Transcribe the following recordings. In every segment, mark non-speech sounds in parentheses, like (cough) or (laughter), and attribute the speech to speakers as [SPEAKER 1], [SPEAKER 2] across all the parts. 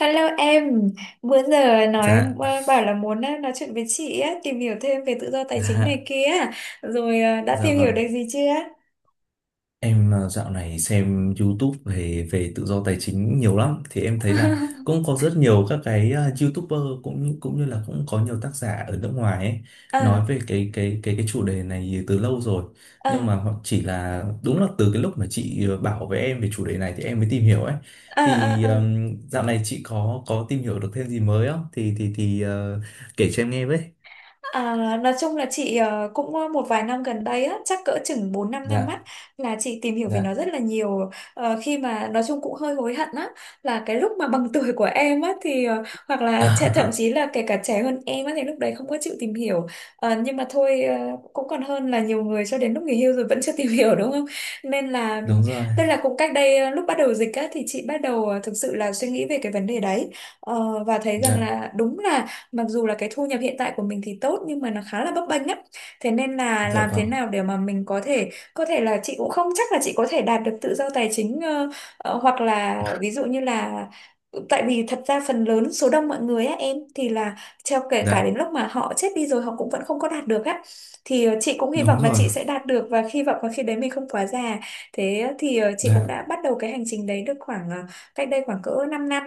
[SPEAKER 1] Hello em, bữa giờ nói
[SPEAKER 2] Dạ,
[SPEAKER 1] bảo là muốn nói chuyện với chị á, tìm hiểu thêm về tự do tài chính này
[SPEAKER 2] dạ,
[SPEAKER 1] kia, rồi đã
[SPEAKER 2] dạ,
[SPEAKER 1] tìm hiểu
[SPEAKER 2] vâng.
[SPEAKER 1] được gì chưa?
[SPEAKER 2] Em dạo này xem YouTube về về tự do tài chính nhiều lắm thì em thấy là cũng
[SPEAKER 1] (laughs)
[SPEAKER 2] có rất nhiều các cái YouTuber cũng như là cũng có nhiều tác giả ở nước ngoài ấy
[SPEAKER 1] À,
[SPEAKER 2] nói về cái chủ đề này từ lâu rồi. Nhưng
[SPEAKER 1] à,
[SPEAKER 2] mà họ chỉ là đúng là từ cái lúc mà chị bảo với em về chủ đề này thì em mới tìm hiểu ấy.
[SPEAKER 1] à,
[SPEAKER 2] Thì
[SPEAKER 1] à, à.
[SPEAKER 2] dạo này chị có tìm hiểu được thêm gì mới không? Thì kể cho em nghe với.
[SPEAKER 1] À, nói chung là chị cũng một vài năm gần đây á, chắc cỡ chừng bốn 5 năm
[SPEAKER 2] Dạ,
[SPEAKER 1] á là chị tìm hiểu về
[SPEAKER 2] dạ.
[SPEAKER 1] nó rất là nhiều. Khi mà nói chung cũng hơi hối hận á là cái lúc mà bằng (laughs) tuổi của em á thì hoặc là thậm chí
[SPEAKER 2] (laughs)
[SPEAKER 1] là kể cả trẻ hơn em á thì lúc đấy không có chịu tìm hiểu. Nhưng mà thôi cũng còn hơn là nhiều người cho đến lúc nghỉ hưu rồi vẫn chưa (laughs) tìm hiểu, đúng không, nên là
[SPEAKER 2] Đúng rồi.
[SPEAKER 1] tức là cũng cách đây lúc bắt đầu dịch á thì chị bắt đầu thực sự là suy nghĩ về cái vấn đề đấy. Và thấy rằng
[SPEAKER 2] Dạ.
[SPEAKER 1] là đúng là mặc dù là cái thu nhập hiện tại của mình thì tốt nhưng mà nó khá là bấp bênh á, thế nên là
[SPEAKER 2] Dạ
[SPEAKER 1] làm thế
[SPEAKER 2] vâng,
[SPEAKER 1] nào để mà mình có thể là chị cũng không chắc là chị có thể đạt được tự do tài chính hoặc là ví dụ như là tại vì thật ra phần lớn số đông mọi người á, em thì là theo kể cả đến
[SPEAKER 2] dạ,
[SPEAKER 1] lúc mà họ chết đi rồi họ cũng vẫn không có đạt được á. Thì chị cũng hy
[SPEAKER 2] đúng
[SPEAKER 1] vọng là
[SPEAKER 2] rồi,
[SPEAKER 1] chị sẽ đạt được và hy vọng là khi đấy mình không quá già. Thế thì chị cũng
[SPEAKER 2] dạ,
[SPEAKER 1] đã bắt đầu cái hành trình đấy được khoảng cách đây khoảng cỡ 5 năm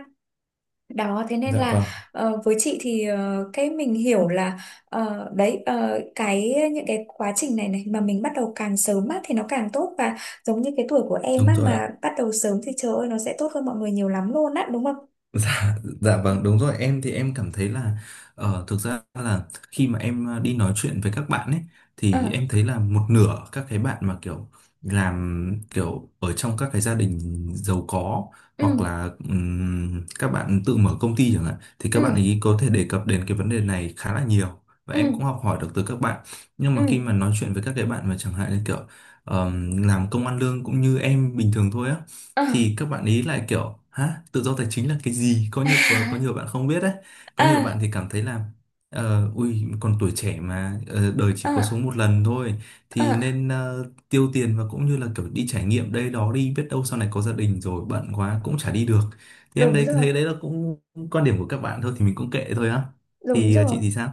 [SPEAKER 1] đó. Thế nên
[SPEAKER 2] dạ
[SPEAKER 1] là
[SPEAKER 2] vâng,
[SPEAKER 1] với chị thì cái mình hiểu là đấy cái những cái quá trình này này mà mình bắt đầu càng sớm á thì nó càng tốt, và giống như cái tuổi của em
[SPEAKER 2] đúng
[SPEAKER 1] á,
[SPEAKER 2] rồi ạ.
[SPEAKER 1] mà bắt đầu sớm thì trời ơi nó sẽ tốt hơn mọi người nhiều lắm luôn á, đúng không?
[SPEAKER 2] Dạ, dạ vâng đúng rồi em thì em cảm thấy là thực ra là khi mà em đi nói chuyện với các bạn ấy
[SPEAKER 1] Ờ,
[SPEAKER 2] thì em thấy là một nửa các cái bạn mà kiểu làm kiểu ở trong các cái gia đình giàu có hoặc
[SPEAKER 1] ừ,
[SPEAKER 2] là các bạn tự mở công ty chẳng hạn thì các bạn
[SPEAKER 1] ừ,
[SPEAKER 2] ấy có thể đề cập đến cái vấn đề này khá là nhiều và
[SPEAKER 1] ừ,
[SPEAKER 2] em cũng học hỏi được từ các bạn nhưng mà khi
[SPEAKER 1] ừ,
[SPEAKER 2] mà nói chuyện với các cái bạn mà chẳng hạn như kiểu làm công ăn lương cũng như em bình thường thôi á
[SPEAKER 1] ờ,
[SPEAKER 2] thì các bạn ý lại kiểu hả tự do tài chính là cái gì có như có nhiều bạn không biết đấy có nhiều bạn
[SPEAKER 1] à,
[SPEAKER 2] thì cảm thấy là ui còn tuổi trẻ mà đời chỉ có
[SPEAKER 1] à,
[SPEAKER 2] sống một lần thôi thì
[SPEAKER 1] à,
[SPEAKER 2] nên tiêu tiền và cũng như là kiểu đi trải nghiệm đây đó đi biết đâu sau này có gia đình rồi bận quá cũng chả đi được thì em
[SPEAKER 1] đúng
[SPEAKER 2] đấy
[SPEAKER 1] rồi,
[SPEAKER 2] thấy đấy là cũng quan điểm của các bạn thôi thì mình cũng kệ thôi á
[SPEAKER 1] đúng
[SPEAKER 2] thì chị
[SPEAKER 1] rồi.
[SPEAKER 2] thì sao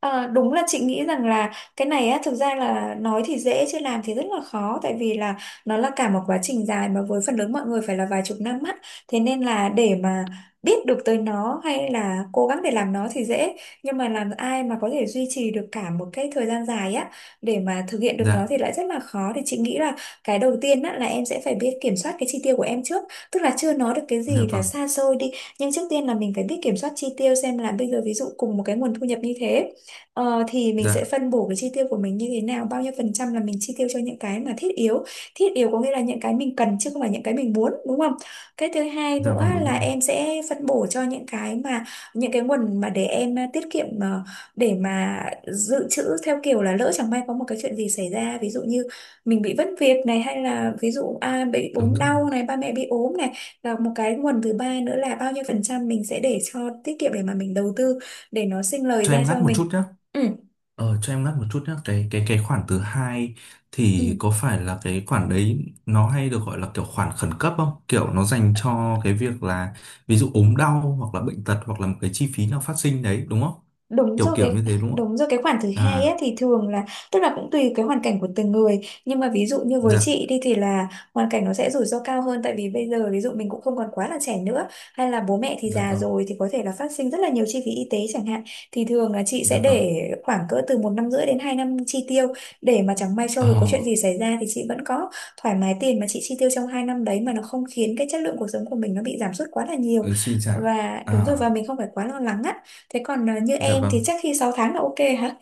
[SPEAKER 1] Ờ, Đúng là chị nghĩ rằng là cái này á, thực ra là nói thì dễ chứ làm thì rất là khó, tại vì là nó là cả một quá trình dài mà với phần lớn mọi người phải là vài chục năm á. Thế nên là để mà biết được tới nó hay là cố gắng để làm nó thì dễ, nhưng mà làm ai mà có thể duy trì được cả một cái thời gian dài á để mà thực hiện được nó
[SPEAKER 2] dạ
[SPEAKER 1] thì lại rất là khó. Thì chị nghĩ là cái đầu tiên á là em sẽ phải biết kiểm soát cái chi tiêu của em trước, tức là chưa nói được cái
[SPEAKER 2] dạ
[SPEAKER 1] gì là
[SPEAKER 2] vâng
[SPEAKER 1] xa xôi đi, nhưng trước tiên là mình phải biết kiểm soát chi tiêu xem là bây giờ ví dụ cùng một cái nguồn thu nhập như thế. Thì mình sẽ
[SPEAKER 2] dạ
[SPEAKER 1] phân bổ cái chi tiêu của mình như thế nào, bao nhiêu phần trăm là mình chi tiêu cho những cái mà thiết yếu. Thiết yếu có nghĩa là những cái mình cần chứ không phải những cái mình muốn, đúng không. Cái thứ hai
[SPEAKER 2] dạ
[SPEAKER 1] nữa
[SPEAKER 2] vâng
[SPEAKER 1] là em sẽ phân bổ cho những cái mà những cái nguồn mà để em tiết kiệm để mà dự trữ theo kiểu là lỡ chẳng may có một cái chuyện gì xảy ra, ví dụ như mình bị mất việc này, hay là ví dụ bị ốm
[SPEAKER 2] đúng rồi
[SPEAKER 1] đau này, ba mẹ bị ốm này. Và một cái nguồn thứ ba nữa là bao nhiêu phần trăm mình sẽ để cho tiết kiệm để mà mình đầu tư, để nó sinh lời
[SPEAKER 2] cho
[SPEAKER 1] ra
[SPEAKER 2] em
[SPEAKER 1] cho
[SPEAKER 2] ngắt một
[SPEAKER 1] mình.
[SPEAKER 2] chút nhé.
[SPEAKER 1] Ừ,
[SPEAKER 2] Cho em ngắt một chút nhé cái khoản thứ hai thì
[SPEAKER 1] ừ.
[SPEAKER 2] có phải là cái khoản đấy nó hay được gọi là kiểu khoản khẩn cấp không, kiểu nó dành cho cái việc là ví dụ ốm đau hoặc là bệnh tật hoặc là một cái chi phí nào phát sinh đấy đúng không,
[SPEAKER 1] Đúng
[SPEAKER 2] kiểu
[SPEAKER 1] rồi,
[SPEAKER 2] kiểu như thế đúng không?
[SPEAKER 1] đúng rồi, cái khoản thứ hai
[SPEAKER 2] À,
[SPEAKER 1] ấy, thì thường là tức là cũng tùy cái hoàn cảnh của từng người, nhưng mà ví dụ như với
[SPEAKER 2] dạ,
[SPEAKER 1] chị đi thì là hoàn cảnh nó sẽ rủi ro cao hơn tại vì bây giờ ví dụ mình cũng không còn quá là trẻ nữa, hay là bố mẹ thì
[SPEAKER 2] dạ
[SPEAKER 1] già
[SPEAKER 2] vâng,
[SPEAKER 1] rồi thì có thể là phát sinh rất là nhiều chi phí y tế chẳng hạn. Thì thường là chị sẽ
[SPEAKER 2] dạ vâng.
[SPEAKER 1] để khoảng cỡ từ 1,5 năm đến 2 năm chi tiêu để mà chẳng may sau
[SPEAKER 2] ờ
[SPEAKER 1] rồi có chuyện gì xảy ra thì chị vẫn có thoải mái tiền mà chị chi tiêu trong 2 năm đấy, mà nó không khiến cái chất lượng cuộc sống của mình nó bị giảm sút quá là nhiều,
[SPEAKER 2] ừ, suy giảm.
[SPEAKER 1] và đúng rồi và
[SPEAKER 2] À,
[SPEAKER 1] mình không phải quá lo lắng á. Thế còn như
[SPEAKER 2] dạ
[SPEAKER 1] em
[SPEAKER 2] vâng.
[SPEAKER 1] thì chắc khi 6 tháng là ok hả?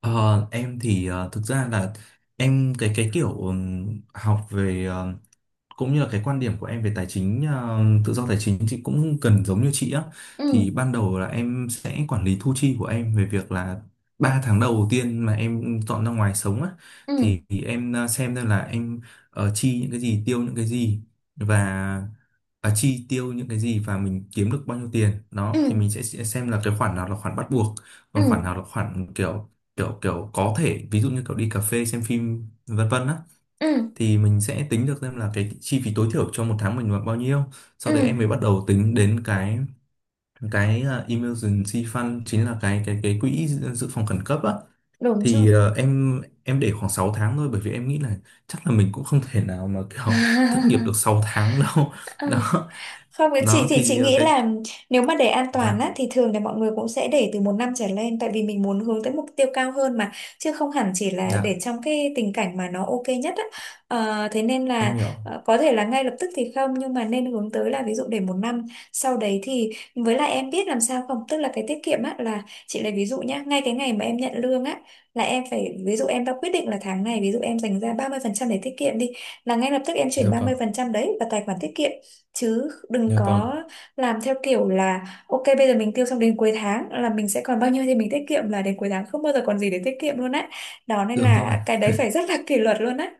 [SPEAKER 2] ờ em thì thực ra là em cái kiểu học về cũng như là cái quan điểm của em về tài chính tự do tài chính thì cũng cần giống như chị á
[SPEAKER 1] Ừ,
[SPEAKER 2] thì ban đầu là em sẽ quản lý thu chi của em về việc là 3 tháng đầu tiên mà em dọn ra ngoài sống á
[SPEAKER 1] ừ,
[SPEAKER 2] thì em xem là em chi những cái gì tiêu những cái gì và chi tiêu những cái gì và mình kiếm được bao nhiêu tiền đó thì
[SPEAKER 1] ừ,
[SPEAKER 2] mình sẽ xem là cái khoản nào là khoản bắt buộc
[SPEAKER 1] ừ,
[SPEAKER 2] còn khoản nào là khoản kiểu kiểu kiểu có thể ví dụ như kiểu đi cà phê xem phim vân vân á
[SPEAKER 1] ừ,
[SPEAKER 2] thì mình sẽ tính được xem là cái chi phí tối thiểu cho một tháng mình là bao nhiêu sau đấy
[SPEAKER 1] ừ,
[SPEAKER 2] em mới bắt đầu tính đến cái emergency fund chính là cái quỹ dự dự phòng khẩn cấp á
[SPEAKER 1] đúng rồi.
[SPEAKER 2] thì em để khoảng 6 tháng thôi bởi vì em nghĩ là chắc là mình cũng không thể nào mà kiểu (laughs) thất nghiệp được
[SPEAKER 1] (laughs)
[SPEAKER 2] 6 tháng đâu (laughs)
[SPEAKER 1] Ừ.
[SPEAKER 2] đó
[SPEAKER 1] Không, cái chị
[SPEAKER 2] đó
[SPEAKER 1] thì chị
[SPEAKER 2] thì
[SPEAKER 1] nghĩ
[SPEAKER 2] cái
[SPEAKER 1] là nếu mà để an toàn
[SPEAKER 2] dạ
[SPEAKER 1] á thì thường là mọi người cũng sẽ để từ một năm trở lên, tại vì mình muốn hướng tới mục tiêu cao hơn mà, chứ không hẳn chỉ là để
[SPEAKER 2] dạ
[SPEAKER 1] trong cái tình cảnh mà nó ok nhất á. Thế nên
[SPEAKER 2] em
[SPEAKER 1] là
[SPEAKER 2] hiểu
[SPEAKER 1] có thể là ngay lập tức thì không, nhưng mà nên hướng tới là ví dụ để một năm. Sau đấy thì với lại em biết làm sao không, tức là cái tiết kiệm á là chị lấy ví dụ nhá, ngay cái ngày mà em nhận lương á là em phải ví dụ em đã quyết định là tháng này ví dụ em dành ra 30% để tiết kiệm đi, là ngay lập tức em chuyển
[SPEAKER 2] dạ
[SPEAKER 1] ba
[SPEAKER 2] vâng
[SPEAKER 1] mươi phần trăm đấy vào tài khoản tiết kiệm, chứ đừng
[SPEAKER 2] dạ vâng
[SPEAKER 1] có làm theo kiểu là ok bây giờ mình tiêu xong đến cuối tháng là mình sẽ còn bao nhiêu thì mình tiết kiệm, là đến cuối tháng không bao giờ còn gì để tiết kiệm luôn á. Đó nên
[SPEAKER 2] đúng rồi.
[SPEAKER 1] là cái đấy phải rất là (laughs) kỷ luật luôn á.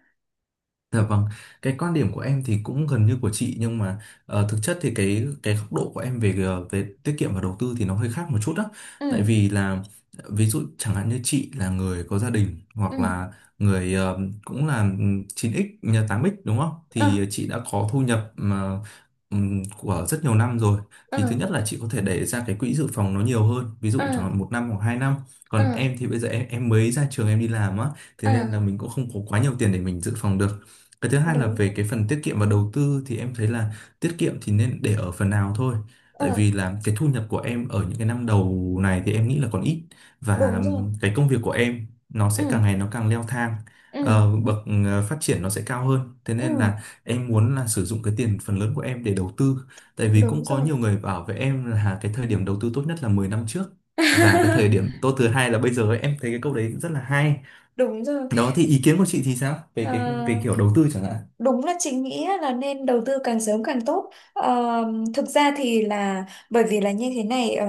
[SPEAKER 2] Dạ vâng, cái quan điểm của em thì cũng gần như của chị nhưng mà thực chất thì cái góc độ của em về về tiết kiệm và đầu tư thì nó hơi khác một chút đó. Tại
[SPEAKER 1] Ừ,
[SPEAKER 2] vì là ví dụ chẳng hạn như chị là người có gia đình hoặc
[SPEAKER 1] ừ,
[SPEAKER 2] là người cũng là 9x nhà 8x đúng không?
[SPEAKER 1] ờ,
[SPEAKER 2] Thì chị đã có thu nhập mà của rất nhiều năm rồi.
[SPEAKER 1] ờ,
[SPEAKER 2] Thì thứ nhất là chị có thể để ra cái quỹ dự phòng nó nhiều hơn, ví
[SPEAKER 1] ờ,
[SPEAKER 2] dụ chẳng hạn 1 năm hoặc 2 năm.
[SPEAKER 1] ờ,
[SPEAKER 2] Còn em thì bây giờ em mới ra trường em đi làm á, thế
[SPEAKER 1] ờ,
[SPEAKER 2] nên là mình cũng không có quá nhiều tiền để mình dự phòng được cái thứ hai là
[SPEAKER 1] đúng
[SPEAKER 2] về
[SPEAKER 1] rồi,
[SPEAKER 2] cái phần tiết kiệm và đầu tư thì em thấy là tiết kiệm thì nên để ở phần nào thôi.
[SPEAKER 1] ờ,
[SPEAKER 2] Tại vì là cái thu nhập của em ở những cái năm đầu này thì em nghĩ là còn ít và
[SPEAKER 1] đúng rồi,
[SPEAKER 2] cái công việc của em nó
[SPEAKER 1] ừ,
[SPEAKER 2] sẽ càng ngày nó càng leo thang.
[SPEAKER 1] ừ,
[SPEAKER 2] Ờ, bậc phát triển nó sẽ cao hơn. Thế nên
[SPEAKER 1] ừ,
[SPEAKER 2] là em muốn là sử dụng cái tiền phần lớn của em để đầu tư. Tại vì
[SPEAKER 1] đúng
[SPEAKER 2] cũng có
[SPEAKER 1] rồi.
[SPEAKER 2] nhiều người bảo với em là cái thời điểm đầu tư tốt nhất là 10 năm trước và cái thời
[SPEAKER 1] (laughs)
[SPEAKER 2] điểm tốt thứ hai là bây giờ ấy. Em thấy cái câu đấy rất là hay.
[SPEAKER 1] Đúng rồi.
[SPEAKER 2] Đó thì ý kiến của chị thì sao? Về cái
[SPEAKER 1] Ờ,
[SPEAKER 2] về kiểu đầu tư chẳng hạn.
[SPEAKER 1] Đúng là chị nghĩ á, là nên đầu tư càng sớm càng tốt. Ờ, Thực ra thì là bởi vì là như thế này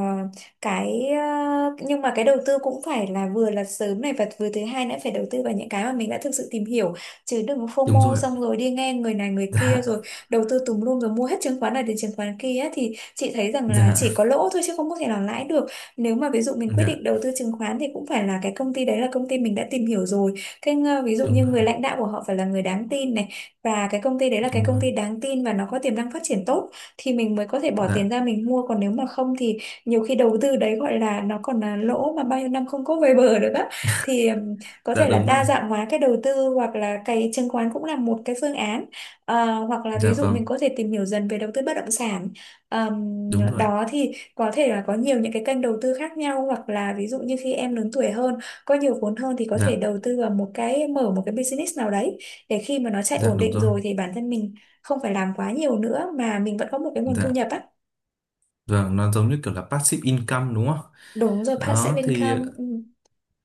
[SPEAKER 1] cái nhưng mà cái đầu tư cũng phải là vừa là sớm này và vừa thứ hai nữa phải đầu tư vào những cái mà mình đã thực sự tìm hiểu, chứ đừng
[SPEAKER 2] Đúng
[SPEAKER 1] FOMO
[SPEAKER 2] rồi ạ,
[SPEAKER 1] xong rồi đi nghe người này người kia rồi
[SPEAKER 2] dạ,
[SPEAKER 1] đầu tư tùm lum, rồi mua hết chứng khoán này đến chứng khoán kia á, thì chị thấy rằng là chỉ
[SPEAKER 2] dạ,
[SPEAKER 1] có lỗ thôi chứ không có thể nào lãi được. Nếu mà ví dụ mình quyết định
[SPEAKER 2] dạ
[SPEAKER 1] đầu tư chứng khoán thì cũng phải là cái công ty đấy là công ty mình đã tìm hiểu rồi. Cái ví dụ
[SPEAKER 2] đúng
[SPEAKER 1] như người
[SPEAKER 2] rồi,
[SPEAKER 1] lãnh đạo của họ phải là người đáng tin này, và cái công ty đấy là cái
[SPEAKER 2] đúng
[SPEAKER 1] công
[SPEAKER 2] rồi,
[SPEAKER 1] ty đáng tin và nó có tiềm năng phát triển tốt thì mình mới có thể bỏ tiền
[SPEAKER 2] dạ,
[SPEAKER 1] ra mình mua, còn nếu mà không thì nhiều khi đầu tư đấy gọi là nó còn là lỗ mà bao nhiêu năm không có về bờ được á. Thì có
[SPEAKER 2] dạ
[SPEAKER 1] thể là
[SPEAKER 2] đúng
[SPEAKER 1] đa
[SPEAKER 2] rồi,
[SPEAKER 1] dạng hóa cái đầu tư hoặc là cái chứng khoán cũng là một cái phương án. Hoặc là ví
[SPEAKER 2] dạ
[SPEAKER 1] dụ mình
[SPEAKER 2] vâng
[SPEAKER 1] có thể tìm hiểu dần về đầu tư bất động sản.
[SPEAKER 2] đúng rồi ạ,
[SPEAKER 1] Đó thì có thể là có nhiều những cái kênh đầu tư khác nhau, hoặc là ví dụ như khi em lớn tuổi hơn có nhiều vốn hơn thì có thể
[SPEAKER 2] dạ,
[SPEAKER 1] đầu tư vào một cái mở một cái business nào đấy, để khi mà nó chạy
[SPEAKER 2] dạ
[SPEAKER 1] ổn
[SPEAKER 2] đúng
[SPEAKER 1] định
[SPEAKER 2] rồi,
[SPEAKER 1] rồi thì bản thân mình không phải làm quá nhiều nữa mà mình vẫn có một cái nguồn thu
[SPEAKER 2] dạ
[SPEAKER 1] nhập á.
[SPEAKER 2] vâng nó giống như kiểu là passive income đúng không,
[SPEAKER 1] Đúng rồi, passive
[SPEAKER 2] đó thì.
[SPEAKER 1] income, ừ.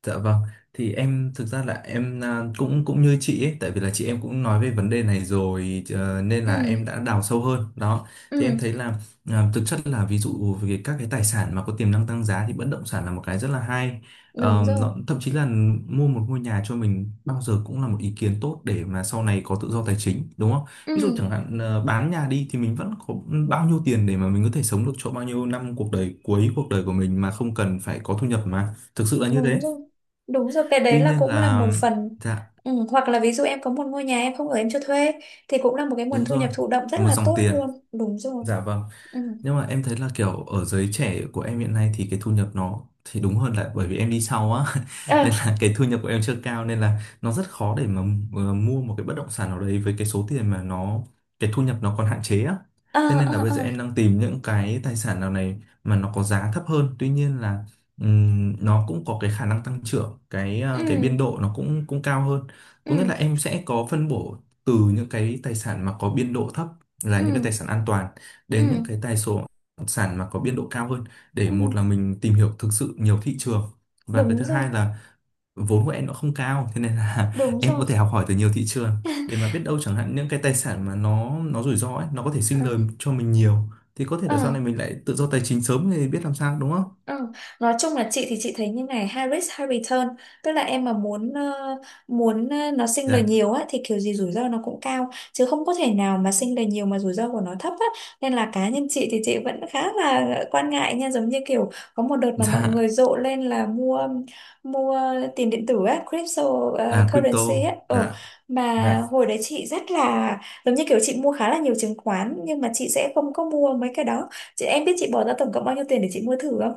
[SPEAKER 2] Dạ vâng, thì em thực ra là em cũng cũng như chị ấy, tại vì là chị em cũng nói về vấn đề này rồi nên
[SPEAKER 1] Ừ.
[SPEAKER 2] là em đã đào sâu hơn. Đó, thì em
[SPEAKER 1] Ừ.
[SPEAKER 2] thấy là thực chất là ví dụ về các cái tài sản mà có tiềm năng tăng giá thì bất động sản là một cái rất là hay.
[SPEAKER 1] Đúng rồi,
[SPEAKER 2] Nó, thậm chí là mua một ngôi nhà cho mình bao giờ cũng là một ý kiến tốt để mà sau này có tự do tài chính, đúng không? Ví dụ
[SPEAKER 1] ừ.
[SPEAKER 2] chẳng hạn bán nhà đi thì mình vẫn có bao nhiêu tiền để mà mình có thể sống được cho bao nhiêu năm cuộc đời cuối cuộc đời của mình mà không cần phải có thu nhập mà. Thực sự là như
[SPEAKER 1] Đúng
[SPEAKER 2] thế.
[SPEAKER 1] rồi, đúng rồi, cái đấy
[SPEAKER 2] Tuy
[SPEAKER 1] là
[SPEAKER 2] nhiên
[SPEAKER 1] cũng là
[SPEAKER 2] là
[SPEAKER 1] một phần,
[SPEAKER 2] dạ
[SPEAKER 1] ừ. Hoặc là ví dụ em có một ngôi nhà em không ở em cho thuê thì cũng là một cái nguồn
[SPEAKER 2] đúng
[SPEAKER 1] thu
[SPEAKER 2] rồi,
[SPEAKER 1] nhập thụ động rất
[SPEAKER 2] là một
[SPEAKER 1] là
[SPEAKER 2] dòng
[SPEAKER 1] tốt
[SPEAKER 2] tiền,
[SPEAKER 1] luôn, đúng rồi,
[SPEAKER 2] dạ vâng.
[SPEAKER 1] ừ,
[SPEAKER 2] Nhưng mà em thấy là kiểu ở giới trẻ của em hiện nay thì cái thu nhập nó thì đúng hơn là bởi vì em đi sau á
[SPEAKER 1] ờ,
[SPEAKER 2] (laughs) nên là cái thu nhập của em chưa cao nên là nó rất khó để mà mua một cái bất động sản nào đấy với cái số tiền mà nó cái thu nhập nó còn hạn chế á.
[SPEAKER 1] ờ,
[SPEAKER 2] Thế nên là
[SPEAKER 1] ờ,
[SPEAKER 2] bây giờ em
[SPEAKER 1] ờ,
[SPEAKER 2] đang tìm những cái tài sản nào này mà nó có giá thấp hơn. Tuy nhiên là nó cũng có cái khả năng tăng trưởng, cái cái
[SPEAKER 1] ừ,
[SPEAKER 2] biên độ nó cũng cũng cao hơn. Có nghĩa là
[SPEAKER 1] ừ,
[SPEAKER 2] em sẽ có phân bổ từ những cái tài sản mà có biên độ thấp là
[SPEAKER 1] ừ,
[SPEAKER 2] những cái tài sản an toàn đến những
[SPEAKER 1] ừ,
[SPEAKER 2] cái tài số sản mà có biên độ cao hơn để
[SPEAKER 1] ừ,
[SPEAKER 2] một là mình tìm hiểu thực sự nhiều thị trường và cái
[SPEAKER 1] đúng
[SPEAKER 2] thứ
[SPEAKER 1] rồi,
[SPEAKER 2] hai là vốn của em nó không cao thế nên là
[SPEAKER 1] đúng
[SPEAKER 2] (laughs) em có
[SPEAKER 1] rồi,
[SPEAKER 2] thể học hỏi từ nhiều thị trường để mà biết đâu chẳng hạn những cái tài sản mà nó rủi ro ấy nó có thể
[SPEAKER 1] ờ,
[SPEAKER 2] sinh lời cho mình nhiều thì có thể
[SPEAKER 1] ờ.
[SPEAKER 2] là sau này mình lại tự do tài chính sớm thì biết làm sao đúng không,
[SPEAKER 1] Ừ. Nói chung là chị thì chị thấy như này, high risk high return, tức là em mà muốn nó sinh lời
[SPEAKER 2] dạ,
[SPEAKER 1] nhiều á thì kiểu gì rủi ro nó cũng cao, chứ không có thể nào mà sinh lời nhiều mà rủi ro của nó thấp á. Nên là cá nhân chị thì chị vẫn khá là quan ngại nha, giống như kiểu có một đợt mà mọi
[SPEAKER 2] (laughs)
[SPEAKER 1] người
[SPEAKER 2] dạ,
[SPEAKER 1] rộ lên là mua mua tiền điện tử á, crypto,
[SPEAKER 2] à crypto,
[SPEAKER 1] currency á,
[SPEAKER 2] dạ,
[SPEAKER 1] ừ.
[SPEAKER 2] dạ,
[SPEAKER 1] Mà hồi đấy chị rất là, giống như kiểu chị mua khá là nhiều chứng khoán nhưng mà chị sẽ không có mua mấy cái đó. Chị em biết chị bỏ ra tổng cộng bao nhiêu tiền để chị mua thử không?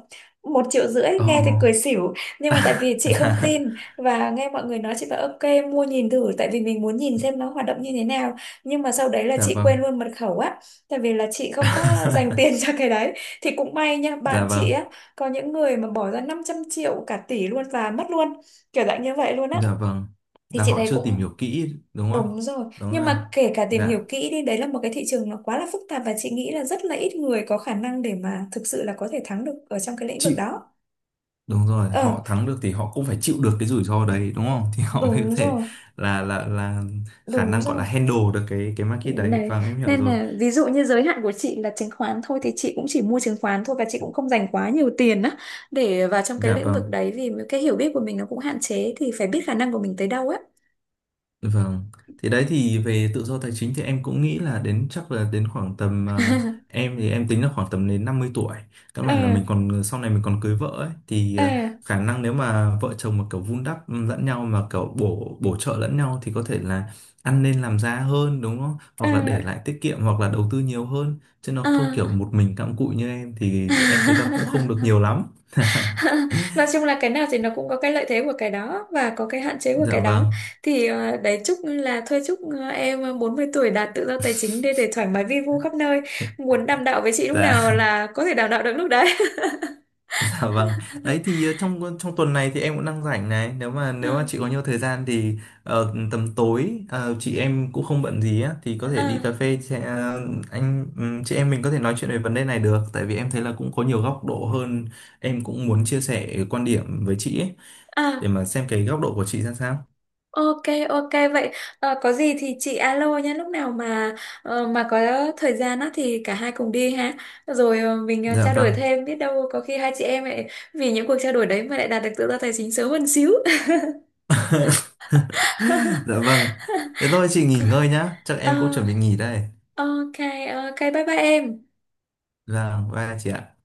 [SPEAKER 1] 1,5 triệu, nghe thì
[SPEAKER 2] oh,
[SPEAKER 1] cười xỉu, nhưng mà tại vì
[SPEAKER 2] (laughs)
[SPEAKER 1] chị không
[SPEAKER 2] dạ,
[SPEAKER 1] tin và nghe mọi người nói, chị bảo ok mua nhìn thử, tại vì mình muốn nhìn xem nó hoạt động như thế nào. Nhưng mà sau đấy là
[SPEAKER 2] dạ
[SPEAKER 1] chị
[SPEAKER 2] vâng,
[SPEAKER 1] quên luôn mật khẩu á, tại vì là chị không có dành tiền (laughs)
[SPEAKER 2] (laughs)
[SPEAKER 1] cho cái đấy. Thì cũng may nha, bạn
[SPEAKER 2] dạ vâng.
[SPEAKER 1] chị á có những người mà bỏ ra 500 triệu, cả tỷ luôn và mất luôn, kiểu dạng như vậy luôn á.
[SPEAKER 2] Dạ vâng,
[SPEAKER 1] Thì
[SPEAKER 2] là
[SPEAKER 1] chị
[SPEAKER 2] họ
[SPEAKER 1] thấy
[SPEAKER 2] chưa tìm
[SPEAKER 1] cũng
[SPEAKER 2] hiểu kỹ đúng không?
[SPEAKER 1] đúng rồi,
[SPEAKER 2] Đúng
[SPEAKER 1] nhưng
[SPEAKER 2] rồi.
[SPEAKER 1] mà kể cả tìm
[SPEAKER 2] Dạ,
[SPEAKER 1] hiểu kỹ đi, đấy là một cái thị trường nó quá là phức tạp và chị nghĩ là rất là ít người có khả năng để mà thực sự là có thể thắng được ở trong cái lĩnh vực
[SPEAKER 2] chịu.
[SPEAKER 1] đó.
[SPEAKER 2] Đúng rồi,
[SPEAKER 1] Ờ,
[SPEAKER 2] họ thắng được thì họ cũng phải chịu được cái rủi ro đấy đúng không? (laughs) Thì họ mới có
[SPEAKER 1] đúng
[SPEAKER 2] thể
[SPEAKER 1] rồi,
[SPEAKER 2] là khả
[SPEAKER 1] đúng
[SPEAKER 2] năng gọi
[SPEAKER 1] rồi.
[SPEAKER 2] là handle được cái market đấy.
[SPEAKER 1] Đấy,
[SPEAKER 2] Vâng, em hiểu
[SPEAKER 1] nên
[SPEAKER 2] rồi.
[SPEAKER 1] là ví dụ như giới hạn của chị là chứng khoán thôi thì chị cũng chỉ mua chứng khoán thôi, và chị cũng không dành quá nhiều tiền á để vào trong cái
[SPEAKER 2] Dạ
[SPEAKER 1] lĩnh vực
[SPEAKER 2] vâng.
[SPEAKER 1] đấy, vì cái hiểu biết của mình nó cũng hạn chế thì phải biết khả năng của mình tới đâu á.
[SPEAKER 2] Vâng, thì đấy thì về tự do tài chính thì em cũng nghĩ là đến chắc là đến khoảng tầm
[SPEAKER 1] (laughs)
[SPEAKER 2] em thì em tính là khoảng tầm đến 50 tuổi. Các
[SPEAKER 1] Ờ,
[SPEAKER 2] bạn là mình còn sau này mình còn cưới vợ ấy thì
[SPEAKER 1] ờ,
[SPEAKER 2] khả năng nếu mà vợ chồng mà kiểu vun đắp lẫn nhau mà kiểu bổ bổ trợ lẫn nhau thì có thể là ăn nên làm ra hơn đúng không?
[SPEAKER 1] ờ,
[SPEAKER 2] Hoặc là để lại tiết kiệm hoặc là đầu tư nhiều hơn chứ nó không kiểu một mình cặm cụi như em thì em thấy là cũng không được
[SPEAKER 1] à. (laughs)
[SPEAKER 2] nhiều lắm.
[SPEAKER 1] (laughs) Nói chung là cái nào thì nó cũng có cái lợi thế của cái đó và có cái hạn chế của
[SPEAKER 2] Dạ
[SPEAKER 1] cái đó.
[SPEAKER 2] vâng.
[SPEAKER 1] Thì đấy, chúc là thôi chúc em 40 tuổi đạt tự do tài chính, để thoải mái vi vu khắp nơi,
[SPEAKER 2] (laughs)
[SPEAKER 1] muốn đàm đạo với chị lúc
[SPEAKER 2] Dạ.
[SPEAKER 1] nào là có thể đàm đạo được lúc đấy.
[SPEAKER 2] (laughs) Dạ vâng. Đấy thì trong tuần này thì em cũng đang rảnh này.
[SPEAKER 1] (laughs)
[SPEAKER 2] Nếu mà
[SPEAKER 1] À,
[SPEAKER 2] chị có nhiều thời gian thì tầm tối chị em cũng không bận gì á thì có thể đi cà
[SPEAKER 1] à,
[SPEAKER 2] phê chị- ờ, anh chị em mình có thể nói chuyện về vấn đề này được. Tại vì em thấy là cũng có nhiều góc độ hơn. Em cũng muốn chia sẻ quan điểm với chị ấy, để
[SPEAKER 1] à.
[SPEAKER 2] mà xem cái góc độ của chị ra sao.
[SPEAKER 1] Ok, ok vậy, có gì thì chị alo nhé, lúc nào mà có thời gian á thì cả hai cùng đi ha. Rồi mình
[SPEAKER 2] Dạ
[SPEAKER 1] trao đổi
[SPEAKER 2] vâng.
[SPEAKER 1] thêm, biết đâu có khi hai chị em lại vì những cuộc trao đổi đấy mà lại đạt được tự do tài chính sớm hơn xíu.
[SPEAKER 2] (laughs) Dạ vâng. Thế
[SPEAKER 1] (laughs)
[SPEAKER 2] thôi chị nghỉ ngơi nhá. Chắc
[SPEAKER 1] Ờ,
[SPEAKER 2] em cũng chuẩn bị nghỉ đây.
[SPEAKER 1] ok, ok, bye bye em.
[SPEAKER 2] Vâng, bye chị ạ.